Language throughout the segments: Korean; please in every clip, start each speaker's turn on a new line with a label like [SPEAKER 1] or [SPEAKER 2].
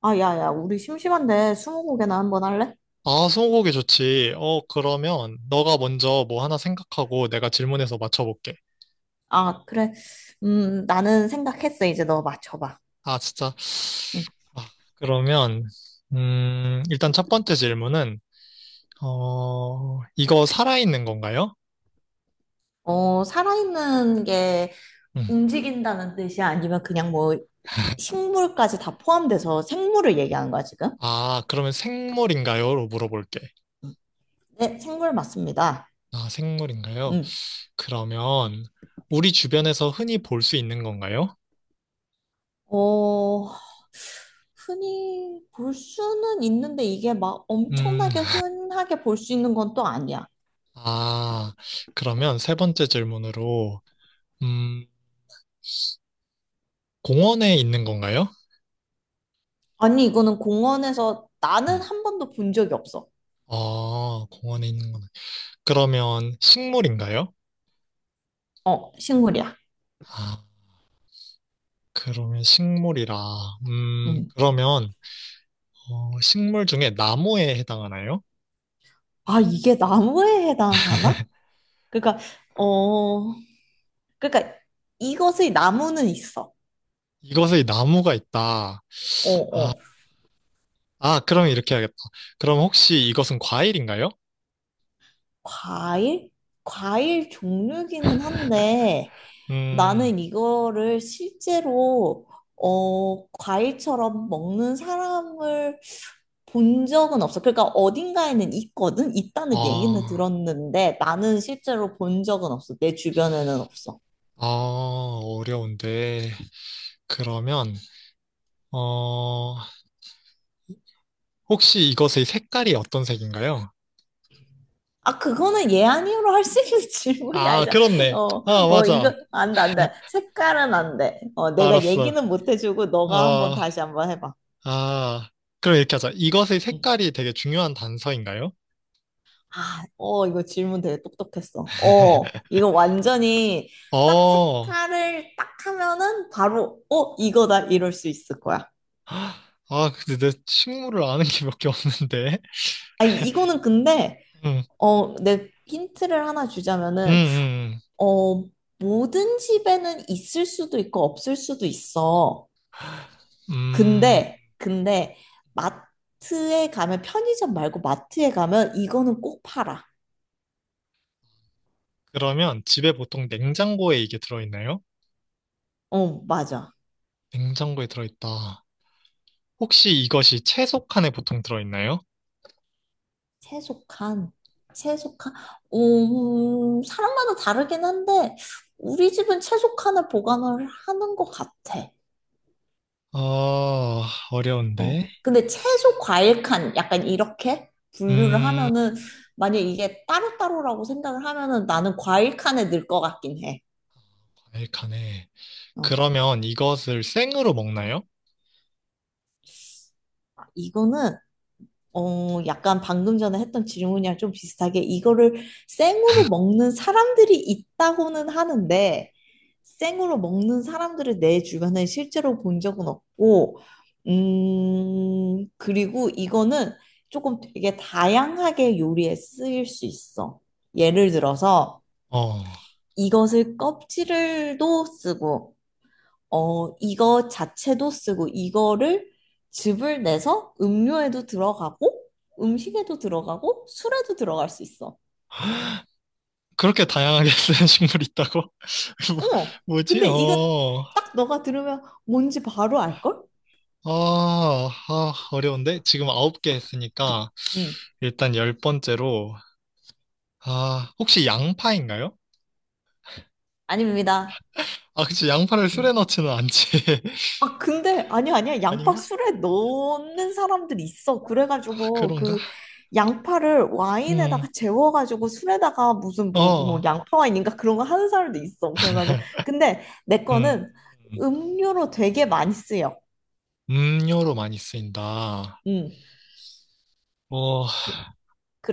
[SPEAKER 1] 아, 야, 야, 우리 심심한데 스무고개나 한번 할래?
[SPEAKER 2] 아, 스무고개 좋지. 어, 그러면 너가 먼저 뭐 하나 생각하고 내가 질문해서 맞춰볼게.
[SPEAKER 1] 아, 그래. 나는 생각했어. 이제 너 맞춰봐.
[SPEAKER 2] 아, 진짜.
[SPEAKER 1] 응.
[SPEAKER 2] 아, 그러면 일단 첫 번째 질문은 어, 이거 살아있는 건가요?
[SPEAKER 1] 살아있는 게
[SPEAKER 2] 음.
[SPEAKER 1] 움직인다는 뜻이야? 아니면 그냥 뭐 식물까지 다 포함돼서 생물을 얘기하는 거야, 지금?
[SPEAKER 2] 아, 그러면 생물인가요?로 물어볼게.
[SPEAKER 1] 네, 생물 맞습니다.
[SPEAKER 2] 아, 생물인가요?
[SPEAKER 1] 응.
[SPEAKER 2] 그러면 우리 주변에서 흔히 볼 수 있는 건가요?
[SPEAKER 1] 어, 흔히 볼 수는 있는데 이게 막
[SPEAKER 2] 음,
[SPEAKER 1] 엄청나게 흔하게 볼 수 있는 건 또 아니야.
[SPEAKER 2] 아, 그러면 세 번째 질문으로 음, 공원에 있는 건가요?
[SPEAKER 1] 아니, 이거는 공원에서 나는
[SPEAKER 2] 음.
[SPEAKER 1] 한 번도 본 적이 없어.
[SPEAKER 2] 아, 공원에 있는 거는. 그러면 식물인가요?
[SPEAKER 1] 어, 식물이야.
[SPEAKER 2] 아, 그러면 식물이라.
[SPEAKER 1] 음.
[SPEAKER 2] 그러면, 어, 식물 중에 나무에 해당하나요?
[SPEAKER 1] 아, 이게 나무에 해당하나? 그러니까, 어, 그러니까 이것의 나무는 있어.
[SPEAKER 2] 이것의 나무가 있다.
[SPEAKER 1] 어, 어.
[SPEAKER 2] 아, 그러면 이렇게 해야겠다. 그럼 혹시 이것은 과일인가요?
[SPEAKER 1] 과일? 과일 종류기는 한데
[SPEAKER 2] 음,
[SPEAKER 1] 나는 이거를 실제로 과일처럼 먹는 사람을 본 적은 없어. 그러니까 어딘가에는 있거든? 있다는 얘기는
[SPEAKER 2] 아,
[SPEAKER 1] 들었는데 나는 실제로 본 적은 없어. 내 주변에는 없어.
[SPEAKER 2] 아, 어려운데. 그러면, 어, 혹시 이것의 색깔이 어떤 색인가요?
[SPEAKER 1] 아, 그거는 예, 아니요로 할 수 있는 질문이
[SPEAKER 2] 아,
[SPEAKER 1] 아니잖아.
[SPEAKER 2] 그렇네.
[SPEAKER 1] 어,
[SPEAKER 2] 아,
[SPEAKER 1] 어, 이거,
[SPEAKER 2] 맞아.
[SPEAKER 1] 안 돼, 안 돼. 색깔은 안 돼. 내가
[SPEAKER 2] 알았어.
[SPEAKER 1] 얘기는 못 해주고, 너가 한번
[SPEAKER 2] 아,
[SPEAKER 1] 다시 한번 해봐.
[SPEAKER 2] 아, 그럼 이렇게 하자. 이것의
[SPEAKER 1] 응.
[SPEAKER 2] 색깔이 되게 중요한 단서인가요?
[SPEAKER 1] 아, 어, 이거 질문 되게 똑똑했어. 어, 이거 완전히 딱
[SPEAKER 2] 어,
[SPEAKER 1] 색깔을 딱 하면은 바로, 어, 이거다, 이럴 수 있을 거야.
[SPEAKER 2] 아, 근데 내 식물을 아는 게 몇 개 없는데.
[SPEAKER 1] 아니, 이거는 근데,
[SPEAKER 2] 음,
[SPEAKER 1] 내 힌트를 하나
[SPEAKER 2] 음,
[SPEAKER 1] 주자면은,
[SPEAKER 2] 음.
[SPEAKER 1] 어, 모든 집에는 있을 수도 있고, 없을 수도 있어.
[SPEAKER 2] 음,
[SPEAKER 1] 근데 마트에 가면 편의점 말고 마트에 가면 이거는 꼭 팔아.
[SPEAKER 2] 그러면 집에 보통 냉장고에 이게 들어있나요?
[SPEAKER 1] 어, 맞아.
[SPEAKER 2] 냉장고에 들어있다. 혹시 이것이 채소 칸에 보통 들어있나요?
[SPEAKER 1] 채소칸. 채소칸. 사람마다 다르긴 한데 우리 집은 채소칸을 보관을 하는 것 같아.
[SPEAKER 2] 어,
[SPEAKER 1] 어.
[SPEAKER 2] 어려운데.
[SPEAKER 1] 근데 채소 과일 칸 약간 이렇게 분류를
[SPEAKER 2] 음,
[SPEAKER 1] 하면은 만약 이게 따로따로라고 생각을 하면은 나는 과일 칸에 넣을 것 같긴 해.
[SPEAKER 2] 과일 칸에.
[SPEAKER 1] 어.
[SPEAKER 2] 그러면 이것을 생으로 먹나요?
[SPEAKER 1] 아, 이거는 약간 방금 전에 했던 질문이랑 좀 비슷하게 이거를 생으로 먹는 사람들이 있다고는 하는데 생으로 먹는 사람들을 내 주변에 실제로 본 적은 없고 그리고 이거는 조금 되게 다양하게 요리에 쓰일 수 있어. 예를 들어서
[SPEAKER 2] 어.
[SPEAKER 1] 이것을 껍질을도 쓰고 이거 자체도 쓰고 이거를 즙을 내서 음료에도 들어가고 음식에도 들어가고 술에도 들어갈 수 있어.
[SPEAKER 2] 그렇게 다양하게 쓰는 식물이 있다고?
[SPEAKER 1] 어.
[SPEAKER 2] 뭐, 지
[SPEAKER 1] 근데 이거
[SPEAKER 2] 어.
[SPEAKER 1] 딱 너가 들으면 뭔지 바로 알걸?
[SPEAKER 2] 아, 아, 어려운데? 지금 아홉 개 했으니까,
[SPEAKER 1] 응.
[SPEAKER 2] 일단 열 번째로, 아, 혹시 양파인가요?
[SPEAKER 1] 아닙니다.
[SPEAKER 2] 아, 그치, 양파를 술에
[SPEAKER 1] 음.
[SPEAKER 2] 넣지는 않지.
[SPEAKER 1] 아, 근데, 아니야, 아니야. 양파
[SPEAKER 2] 아닌가?
[SPEAKER 1] 술에 넣는 사람들 있어.
[SPEAKER 2] 아,
[SPEAKER 1] 그래가지고,
[SPEAKER 2] 그런가?
[SPEAKER 1] 그, 양파를 와인에다가
[SPEAKER 2] 음,
[SPEAKER 1] 재워가지고, 술에다가 무슨 뭐,
[SPEAKER 2] 어,
[SPEAKER 1] 양파 와인인가 그런 거 하는 사람도 있어. 그래가지고. 근데 내
[SPEAKER 2] 음,
[SPEAKER 1] 거는 음료로 되게 많이 쓰여.
[SPEAKER 2] 음료로 많이 쓰인다.
[SPEAKER 1] 음.
[SPEAKER 2] 어,
[SPEAKER 1] 그,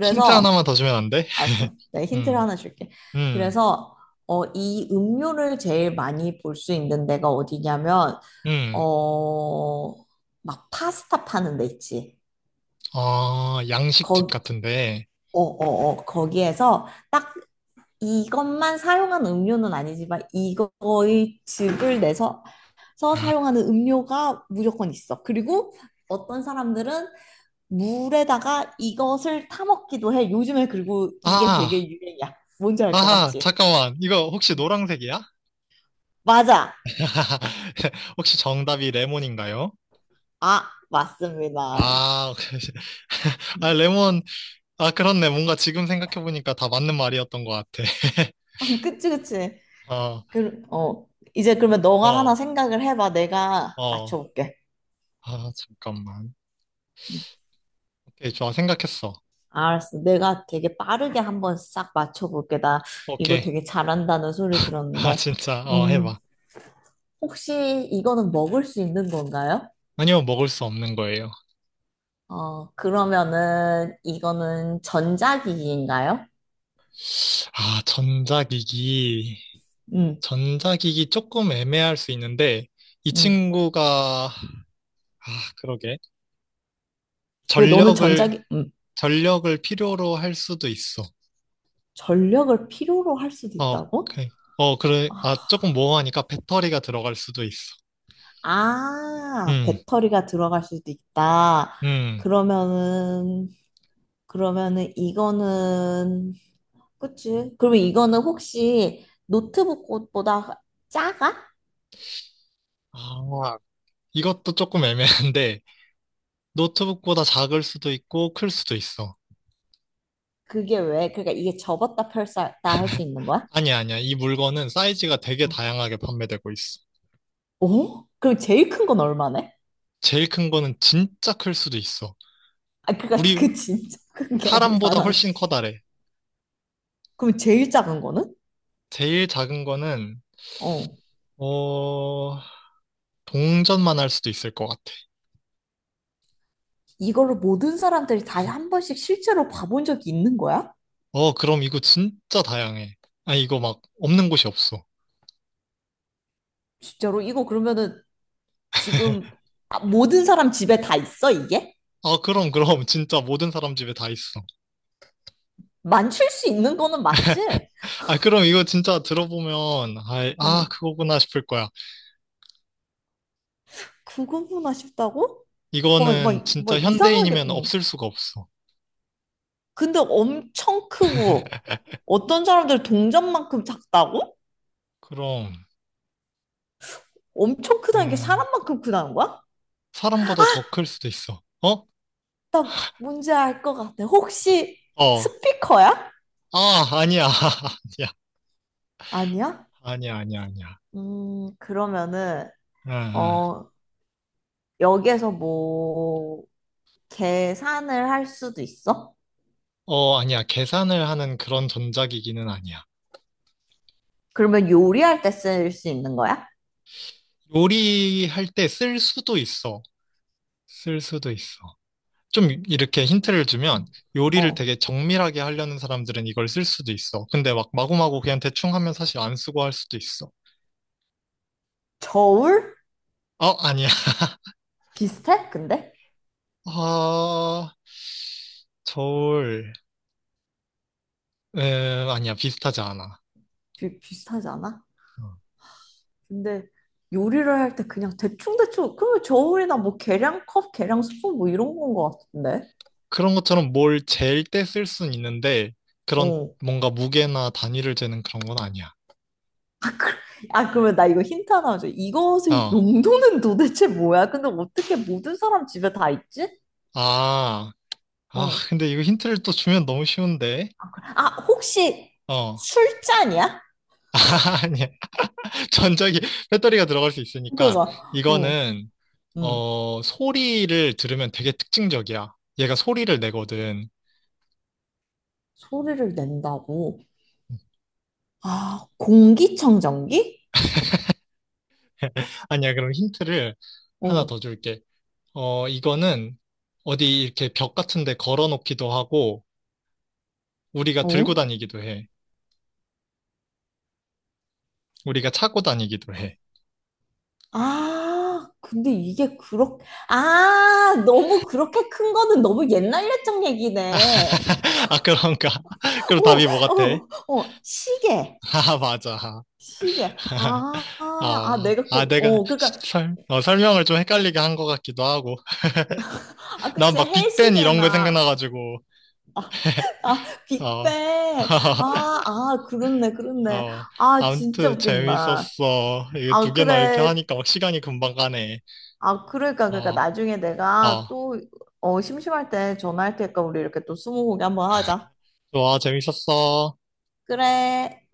[SPEAKER 2] 힌트 하나만 더 주면 안 돼?
[SPEAKER 1] 알았어. 내가 힌트를
[SPEAKER 2] 음,
[SPEAKER 1] 하나 줄게.
[SPEAKER 2] 음,
[SPEAKER 1] 그래서, 이 음료를 제일 많이 볼 수 있는 데가 어디냐면,
[SPEAKER 2] 음,
[SPEAKER 1] 어, 막 파스타 파는 데 있지.
[SPEAKER 2] 어, 양식집
[SPEAKER 1] 거기
[SPEAKER 2] 같은데.
[SPEAKER 1] 어, 어, 어. 거기에서 딱 이것만 사용한 음료는 아니지만 이거의 즙을 내서 서 사용하는 음료가 무조건 있어. 그리고 어떤 사람들은 물에다가 이것을 타먹기도 해. 요즘에 그리고 이게
[SPEAKER 2] 아,
[SPEAKER 1] 되게 유행이야. 뭔지 알 것
[SPEAKER 2] 아,
[SPEAKER 1] 같지?
[SPEAKER 2] 잠깐만. 이거 혹시 노란색이야?
[SPEAKER 1] 맞아.
[SPEAKER 2] 혹시 정답이 레몬인가요?
[SPEAKER 1] 아, 맞습니다.
[SPEAKER 2] 아, 아,
[SPEAKER 1] 음.
[SPEAKER 2] 레몬. 아, 그렇네. 뭔가 지금 생각해보니까 다 맞는 말이었던 것 같아.
[SPEAKER 1] 그치, 그치.
[SPEAKER 2] 어,
[SPEAKER 1] 그, 어. 이제 그러면 너가 하나
[SPEAKER 2] 어,
[SPEAKER 1] 생각을 해봐. 내가
[SPEAKER 2] 어.
[SPEAKER 1] 맞춰볼게.
[SPEAKER 2] 아, 잠깐만.
[SPEAKER 1] 음.
[SPEAKER 2] 오케이, 좋아. 생각했어.
[SPEAKER 1] 알았어. 내가 되게 빠르게 한번 싹 맞춰볼게. 나 이거
[SPEAKER 2] 오케이.
[SPEAKER 1] 되게 잘한다는 소리
[SPEAKER 2] 아,
[SPEAKER 1] 들었는데,
[SPEAKER 2] 진짜. 어,
[SPEAKER 1] 음,
[SPEAKER 2] 해봐.
[SPEAKER 1] 혹시 이거는 먹을 수 있는 건가요?
[SPEAKER 2] 아니요, 먹을 수 없는 거예요.
[SPEAKER 1] 그러면은 이거는 전자기기인가요?
[SPEAKER 2] 아, 전자기기.
[SPEAKER 1] 음,
[SPEAKER 2] 전자기기 조금 애매할 수 있는데, 이
[SPEAKER 1] 음.
[SPEAKER 2] 친구가, 아, 그러게.
[SPEAKER 1] 왜 너는
[SPEAKER 2] 전력을,
[SPEAKER 1] 전자기,
[SPEAKER 2] 전력을 필요로 할 수도 있어.
[SPEAKER 1] 전력을 필요로 할 수도
[SPEAKER 2] 어,
[SPEAKER 1] 있다고?
[SPEAKER 2] 그, 어, 그래. 아, 조금 모호하니까 배터리가 들어갈 수도 있어.
[SPEAKER 1] 아,
[SPEAKER 2] 음,
[SPEAKER 1] 배터리가 들어갈 수도 있다.
[SPEAKER 2] 음.
[SPEAKER 1] 그러면은, 그러면은 이거는 그치? 그러면 이거는 혹시 노트북 꽃보다 작아?
[SPEAKER 2] 아, 이것도 조금 애매한데, 노트북보다 작을 수도 있고, 클 수도 있어.
[SPEAKER 1] 그게 왜? 그러니까 이게 접었다 펼쳤다 할 수 있는 거야?
[SPEAKER 2] 아니야, 아니야. 이 물건은 사이즈가 되게 다양하게 판매되고 있어.
[SPEAKER 1] 어? 그럼 제일 큰 건 얼마네?
[SPEAKER 2] 제일 큰 거는 진짜 클 수도 있어.
[SPEAKER 1] 아, 그니까
[SPEAKER 2] 우리
[SPEAKER 1] 그 진짜 큰 게
[SPEAKER 2] 사람보다
[SPEAKER 1] 얼마나?
[SPEAKER 2] 훨씬 커다래.
[SPEAKER 1] 그럼 제일 작은 거는?
[SPEAKER 2] 제일 작은 거는,
[SPEAKER 1] 어.
[SPEAKER 2] 어, 동전만 할 수도 있을 것 같아.
[SPEAKER 1] 이걸로 모든 사람들이 다 한 번씩 실제로 봐본 적이 있는 거야?
[SPEAKER 2] 어, 그럼 이거 진짜 다양해. 아, 이거 막 없는 곳이 없어.
[SPEAKER 1] 진짜로? 이거 그러면은 지금 아, 모든 사람 집에 다 있어, 이게?
[SPEAKER 2] 아, 그럼, 그럼. 진짜 모든 사람 집에 다 있어.
[SPEAKER 1] 만질 수 있는 거는 맞지?
[SPEAKER 2] 아, 그럼 이거 진짜 들어보면, 아, 아,
[SPEAKER 1] 어.
[SPEAKER 2] 그거구나 싶을 거야.
[SPEAKER 1] 그거구나 싶다고? 막,
[SPEAKER 2] 이거는
[SPEAKER 1] 막,
[SPEAKER 2] 진짜
[SPEAKER 1] 막 이상하게,
[SPEAKER 2] 현대인이면
[SPEAKER 1] 응.
[SPEAKER 2] 없을 수가 없어.
[SPEAKER 1] 근데 엄청 크고 어떤 사람들 동전만큼 작다고?
[SPEAKER 2] 그럼,
[SPEAKER 1] 엄청 크다는 게
[SPEAKER 2] 음,
[SPEAKER 1] 사람만큼 크다는 거야?
[SPEAKER 2] 사람보다 더 클 수도 있어. 어?
[SPEAKER 1] 나 뭔지 알 것 같아. 혹시
[SPEAKER 2] 어.
[SPEAKER 1] 스피커야?
[SPEAKER 2] 아, 아니야. 아니야.
[SPEAKER 1] 아니야?
[SPEAKER 2] 아니야, 아니야, 아니야.
[SPEAKER 1] 그러면은
[SPEAKER 2] 아, 아.
[SPEAKER 1] 어, 여기에서 뭐 계산을 할 수도 있어?
[SPEAKER 2] 어, 아니야. 계산을 하는 그런 전자기기는 아니야.
[SPEAKER 1] 그러면 요리할 때 쓸 수 있는 거야?
[SPEAKER 2] 요리할 때 쓸 수도 있어. 쓸 수도 있어. 좀 이렇게 힌트를 주면 요리를
[SPEAKER 1] 어.
[SPEAKER 2] 되게 정밀하게 하려는 사람들은 이걸 쓸 수도 있어. 근데 막 마구마구 그냥 대충 하면 사실 안 쓰고 할 수도 있어.
[SPEAKER 1] 저울?
[SPEAKER 2] 어, 아니야.
[SPEAKER 1] 비슷해? 근데?
[SPEAKER 2] 아, 저울. 아니야. 비슷하지 않아.
[SPEAKER 1] 비슷하지 않아?
[SPEAKER 2] 어.
[SPEAKER 1] 근데 요리를 할 때 그냥 대충대충, 그러면 저울이나 뭐 계량컵, 계량스푼 뭐 이런 건 것 같은데?
[SPEAKER 2] 그런 것처럼 뭘 잴 때 쓸 순 있는데 그런
[SPEAKER 1] 어.
[SPEAKER 2] 뭔가 무게나 단위를 재는 그런 건 아니야.
[SPEAKER 1] 아, 그러면 나 이거 힌트 하나 줘. 이것의
[SPEAKER 2] 어.
[SPEAKER 1] 용도는 도대체 뭐야? 근데 어떻게 모든 사람 집에 다 있지?
[SPEAKER 2] 아, 아,
[SPEAKER 1] 어.
[SPEAKER 2] 근데 이거 힌트를 또 주면 너무 쉬운데.
[SPEAKER 1] 아, 혹시
[SPEAKER 2] 어,
[SPEAKER 1] 술잔이야?
[SPEAKER 2] 아니야. 전자기, 배터리가 들어갈 수 있으니까
[SPEAKER 1] 그거. 어.
[SPEAKER 2] 이거는
[SPEAKER 1] 음.
[SPEAKER 2] 어, 소리를 들으면 되게 특징적이야. 얘가 소리를 내거든.
[SPEAKER 1] 소리를 낸다고. 아, 공기청정기?
[SPEAKER 2] 아니야, 그럼 힌트를 하나
[SPEAKER 1] 어.
[SPEAKER 2] 더 줄게. 어, 이거는 어디 이렇게 벽 같은 데 걸어 놓기도 하고, 우리가 들고
[SPEAKER 1] 어?
[SPEAKER 2] 다니기도 해. 우리가 차고 다니기도 해.
[SPEAKER 1] 아, 근데 이게 그렇게, 아, 너무 그렇게 큰 거는 너무 옛날 옛적 얘기네.
[SPEAKER 2] 아, 그런가? 그럼
[SPEAKER 1] 오,
[SPEAKER 2] 답이 뭐 같아?
[SPEAKER 1] 어, 어, 시계.
[SPEAKER 2] 아, 맞아.
[SPEAKER 1] 시계. 아, 아, 아,
[SPEAKER 2] 어,
[SPEAKER 1] 내가
[SPEAKER 2] 아,
[SPEAKER 1] 꼭,
[SPEAKER 2] 내가
[SPEAKER 1] 어, 그러니까,
[SPEAKER 2] 설명을 좀 헷갈리게 한 것 같기도 하고.
[SPEAKER 1] 아,
[SPEAKER 2] 난
[SPEAKER 1] 그치,
[SPEAKER 2] 막 빅뱅 이런 거
[SPEAKER 1] 해시계나,
[SPEAKER 2] 생각나가지고,
[SPEAKER 1] 아,
[SPEAKER 2] 어.
[SPEAKER 1] 빅뱅. 아, 아, 그렇네, 그렇네.
[SPEAKER 2] 어,
[SPEAKER 1] 아, 진짜
[SPEAKER 2] 아무튼
[SPEAKER 1] 웃긴다.
[SPEAKER 2] 재밌었어. 이게 두
[SPEAKER 1] 아,
[SPEAKER 2] 개나 이렇게
[SPEAKER 1] 그래.
[SPEAKER 2] 하니까 막 시간이 금방 가네.
[SPEAKER 1] 아, 그러니까, 그러니까,
[SPEAKER 2] 어,
[SPEAKER 1] 나중에 내가
[SPEAKER 2] 어,
[SPEAKER 1] 또, 심심할 때 전화할 테니까 우리 이렇게 또 스무고개 한번 하자.
[SPEAKER 2] 좋아, 재밌었어.
[SPEAKER 1] 그래.